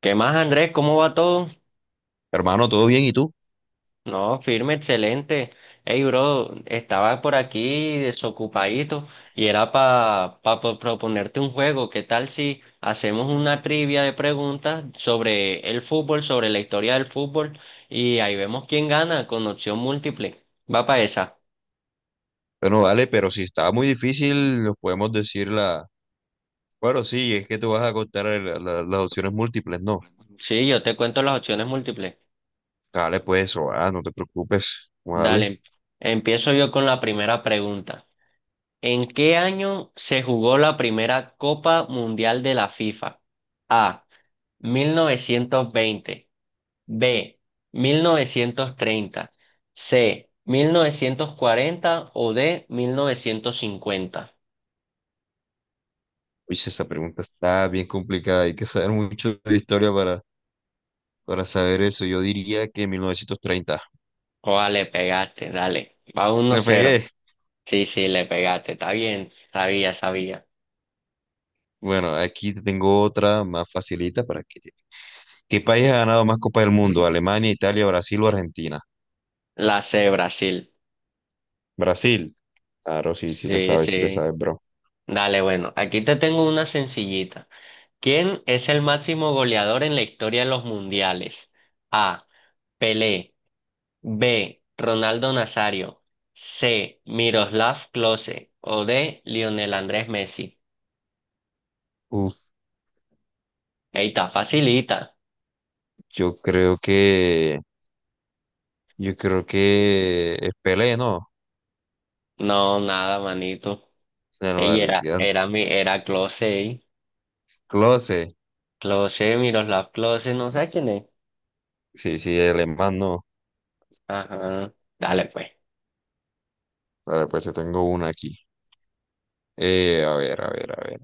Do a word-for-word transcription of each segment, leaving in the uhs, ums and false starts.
¿Qué más, Andrés? ¿Cómo va todo? Hermano, ¿todo bien? ¿Y tú? No, firme, excelente. Hey, bro, estaba por aquí desocupadito y era para pa, pa- proponerte un juego. ¿Qué tal si hacemos una trivia de preguntas sobre el fútbol, sobre la historia del fútbol y ahí vemos quién gana con opción múltiple? ¿Va para esa? Bueno, vale, pero si está muy difícil, nos podemos decir la. Bueno, sí, es que tú vas a contar eh, la- la- las opciones múltiples, ¿no? Sí, yo te cuento las opciones múltiples. Dale, pues eso, ah, no te preocupes, vale. Dale, empiezo yo con la primera pregunta. ¿En qué año se jugó la primera Copa Mundial de la FIFA? A. mil novecientos veinte, B. mil novecientos treinta, C. mil novecientos cuarenta o D. mil novecientos cincuenta. Uy, esa pregunta está bien complicada, hay que saber mucho de historia para, para saber eso. Yo diría que mil novecientos treinta. Oa, le pegaste, dale. Va uno Me cero. pegué. Sí, sí, le pegaste. Está bien. Sabía, sabía. Bueno, aquí te tengo otra más facilita para que. ¿Qué país ha ganado más Copas del Mundo? ¿Alemania, Italia, Brasil o Argentina? La C, Brasil. Brasil. Claro, sí, sí le Sí, sabes, sí le sí. sabes, bro. Dale, bueno. Aquí te tengo una sencillita. ¿Quién es el máximo goleador en la historia de los mundiales? A. Pelé. B. Ronaldo Nazario. C. Miroslav Klose. O D. Lionel Andrés Messi. Uf, Ey, está facilita. yo creo que, yo creo que es Pelé, ¿no? No, nada, manito. La Ey, era, modalidad. era mi, era Klose, ey. Klose. Klose, Miroslav Klose, no sé quién es. Sí, sí, el alemán, no. Ajá. Dale, pues. Vale, pues yo tengo una aquí. Eh, a ver, a ver, a ver.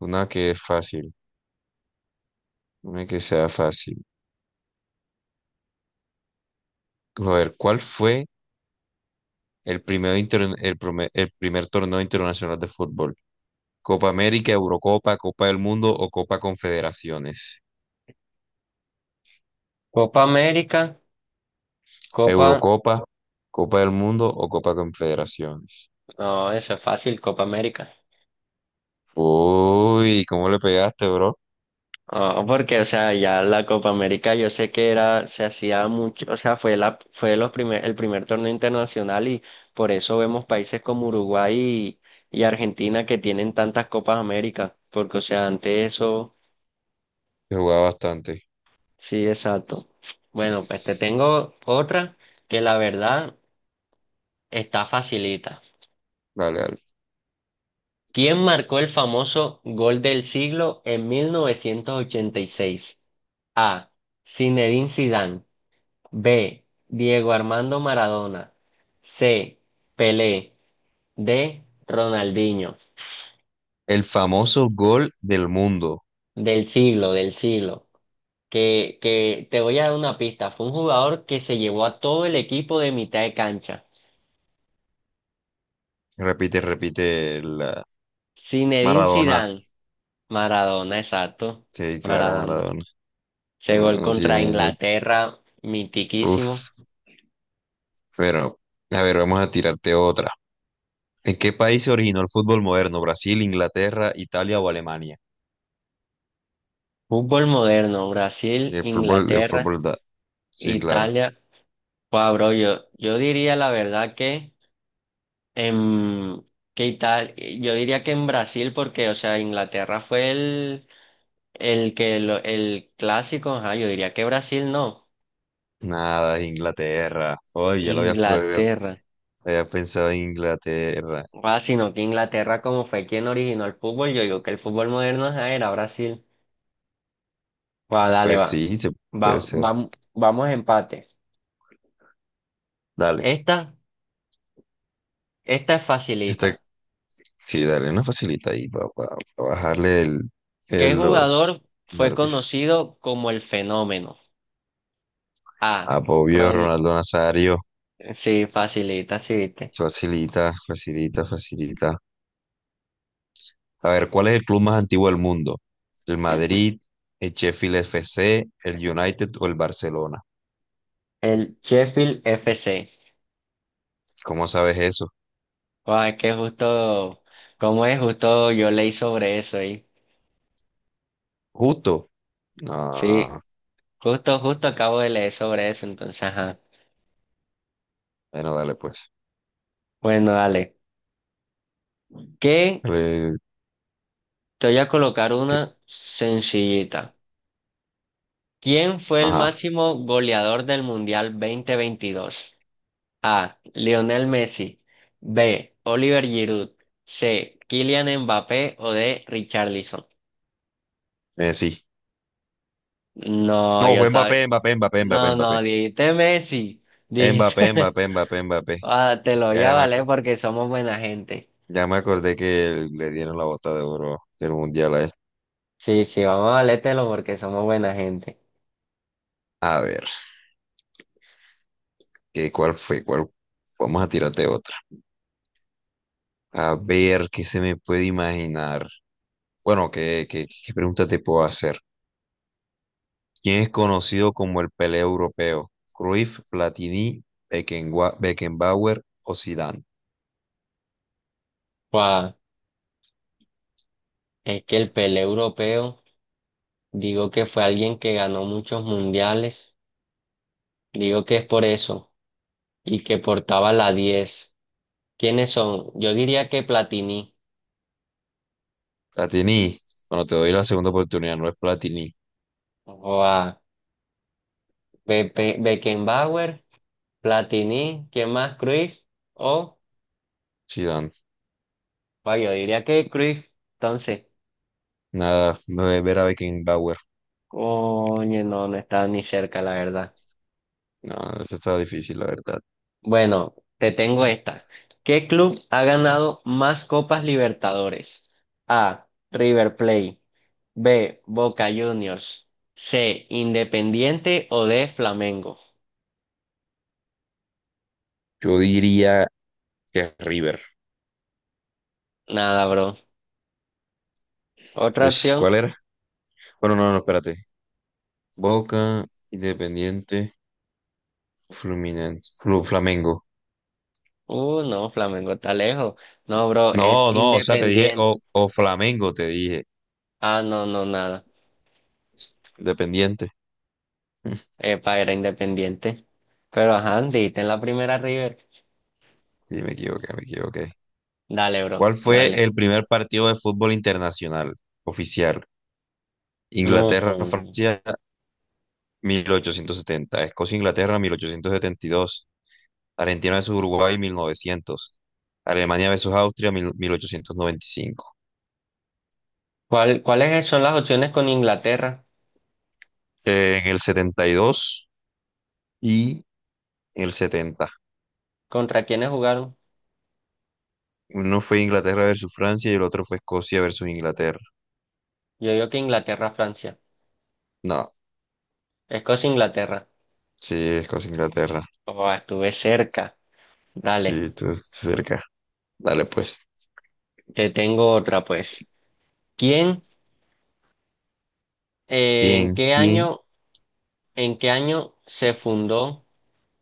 Una que es fácil, una que sea fácil. A ver, ¿cuál fue el primer, inter- el prome- el primer torneo internacional de fútbol? ¿Copa América, Eurocopa, Copa del Mundo o Copa Confederaciones? Copa América. Copa. Eurocopa, Copa del Mundo o Copa Confederaciones. No, eso es fácil, Copa América. Uy, ¿cómo le pegaste, bro? Ah, porque, o sea, ya la Copa América yo sé que era, se hacía mucho, o sea, fue la, fue los primer, el primer torneo internacional y por eso vemos países como Uruguay y, y Argentina que tienen tantas Copas América, porque, o sea, ante eso, Que jugaba bastante. sí, exacto. Bueno, pues te tengo otra que la verdad está facilita. Vale, vale. ¿Quién marcó el famoso gol del siglo en mil novecientos ochenta y seis? A. Zinedine Zidane. B. Diego Armando Maradona. C. Pelé. D. Ronaldinho. El famoso gol del mundo. Del siglo, del siglo. Que, que te voy a dar una pista. Fue un jugador que se llevó a todo el equipo de mitad de cancha. Repite, repite la. Zinedine Maradona. Zidane. Maradona, exacto. Sí, claro, Maradona. Maradona. Ese No, gol no contra tiene. no- Inglaterra, mitiquísimo. Uf. Pero, a ver, vamos a tirarte otra. ¿En qué país se originó el fútbol moderno? ¿Brasil, Inglaterra, Italia o Alemania? Fútbol moderno, Brasil, Y El fútbol, el Inglaterra, fútbol da. Sí, claro. Italia. Wow, bro, yo, yo diría la verdad que en, ¿qué tal? Eh, Yo diría que en Brasil, porque, o sea, Inglaterra fue el, el que lo- el clásico, ajá, yo diría que Brasil no. Nada, es Inglaterra. Hoy ya lo había, prohibido, Inglaterra. había pensado en Inglaterra. Ah, sino que Inglaterra, como fue quien originó el fútbol, yo digo que el fútbol moderno ajá, era Brasil. Va, dale, Pues va. sí, se Va, puede ser. vam- vamos a empate. Dale. Esta, esta es Esta, facilita. sí, dale una facilita ahí para bajarle el, ¿Qué el- los jugador fue nervios. conocido como el fenómeno? A. Apobio, Ron, Ronaldo Nazario. sí, facilita, sí, viste. Facilita, facilita, facilita. A ver, ¿cuál es el club más antiguo del mundo? ¿El Madrid, el Sheffield F C el United o el Barcelona? El Sheffield F C. ¿Cómo sabes eso? Guau, es que justo, ¿cómo es? Justo yo leí sobre eso ahí. Justo. Sí, No. justo, justo acabo de leer sobre eso, entonces, ajá. Bueno, dale pues. Bueno, dale. ¿Qué? Re- Te voy a colocar que- una sencillita. ¿Quién fue el Ajá, máximo goleador del Mundial dos mil veintidós? A. Lionel Messi. B. Oliver Giroud. C. Kylian Mbappé o D. Richarlison. eh, sí. No, No, yo fue estaba. Mbappé, Mbappé, Mbappé, Mbappé, No, Mbappé. no, dijiste Messi, Mbappé, dijiste, Mbappé, Mbappé, Mbappé. ah, te lo Ya, voy a ya me, aco- valer porque somos buena gente. ya me acordé que le dieron la bota de oro del mundial a él. Sí, sí, vamos a valértelo porque somos buena gente. A ver, ¿qué, cuál fue? ¿Cuál? Vamos a tirarte otra. A ver, ¿qué se me puede imaginar? Bueno, ¿qué, qué, qué pregunta te puedo hacer? ¿Quién es conocido como el Pelé europeo? ¿Cruyff, Platini, Beckenwa- Beckenbauer o Zidane? Guau, es que el Pelé europeo, digo que fue alguien que ganó muchos mundiales, digo que es por eso, y que portaba la diez. ¿Quiénes son? Yo diría que Platini, Platini, bueno, te doy la segunda oportunidad, no es Platini. guau, Be- Be- Beckenbauer, Platini, ¿quién más? Cruyff, o, Sí, Dan. guau, yo diría que Cruyff, entonces. Nada, ve- ver a Beckenbauer. Coño, no, no estaba ni cerca, la verdad. No, eso está difícil, la verdad. Bueno, te tengo esta. ¿Qué club ha ganado más Copas Libertadores? A. River Plate. B. Boca Juniors. C. Independiente o D. Flamengo. Yo diría que River. Nada, bro. ¿Otra Pues, opción? ¿cuál era? Bueno, no, no, espérate. Boca, Independiente, Fluminense, Flu- Flamengo. Uh, no, Flamengo está lejos. No, bro, es No, no, o sea, te dije, Independiente. o, o Flamengo, te dije. Ah, no, no, nada. Independiente. Mm, Epa, era Independiente. Pero ajá, diste en la primera River. Sí, me equivoqué, me equivoqué. Dale, bro, ¿Cuál dale. fue el primer partido de fútbol internacional oficial? No. Inglaterra, Jo. Francia mil ochocientos setenta, Escocia-Inglaterra mil ochocientos setenta y dos, Argentina versus Uruguay mil novecientos, Alemania versus Austria mil- 1895. ¿Cuál- cuáles son las opciones con Inglaterra? Eh, en el setenta y dos y en el setenta. ¿Contra quiénes jugaron? Uno fue Inglaterra versus Francia y el otro fue Escocia versus Inglaterra. Yo digo que Inglaterra, Francia. No, Escocia, Inglaterra. sí, Escocia-Inglaterra. Oh, estuve cerca. Dale, Sí, tú estás cerca. Dale pues. te tengo otra pues. ¿Quién, eh, en Bien, qué bien. año, en qué año se fundó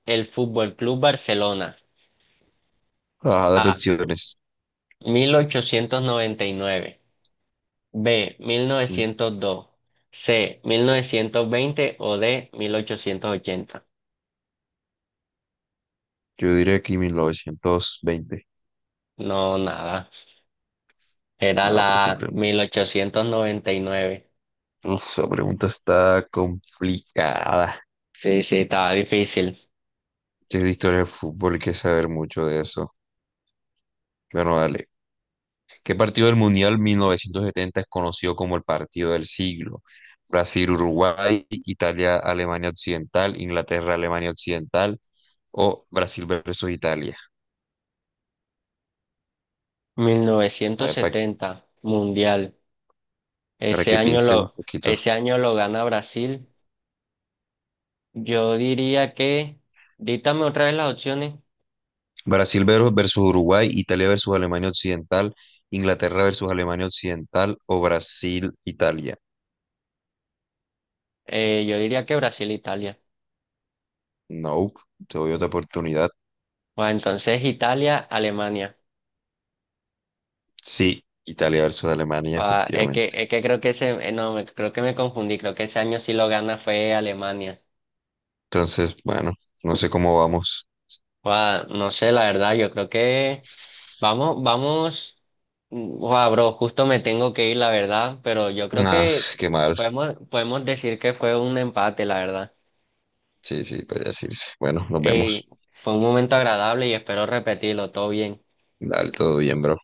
el Fútbol Club Barcelona? Ah, las A. opciones. mil ochocientos noventa y nueve. B. mil novecientos dos. C. mil novecientos veinte o D. mil ochocientos ochenta. Yo diría aquí mil novecientos veinte. No, nada. Era No, por eso. la mil ochocientos noventa y nueve. Uf, esa pregunta está complicada. Sí, sí, estaba difícil. Si es de historia del fútbol, hay que saber mucho de eso. Bueno, dale. ¿Qué partido del Mundial mil novecientos setenta es conocido como el partido del siglo? Brasil, Uruguay, Italia, Alemania Occidental, Inglaterra, Alemania Occidental o Brasil versus Italia. Mil A novecientos ver, pa- setenta Mundial. para, Ese que año piense un lo, poquito. ese año lo gana Brasil. Yo diría que, dítame otra vez las opciones. Brasil ver- versus Uruguay, Italia versus Alemania Occidental, Inglaterra versus Alemania Occidental o Brasil, Italia. Eh, yo diría que Brasil, Italia. No, te doy otra oportunidad. Bueno, entonces Italia, Alemania. Sí, Italia versus Alemania, Ah, es que, efectivamente. es que creo que ese, eh, no, me- creo que me confundí. Creo que ese año sí lo gana fue Alemania. Entonces, bueno, no sé cómo vamos. Ah, no sé, la verdad, yo creo que vamos, vamos. Wow, bro, justo me tengo que ir, la verdad, pero yo creo Ah, que qué mal. podemos, podemos decir que fue un empate, la verdad. Sí, sí, podría decirse. Bueno, nos Y vemos. fue un momento agradable y espero repetirlo, todo bien. Dale, todo bien, bro.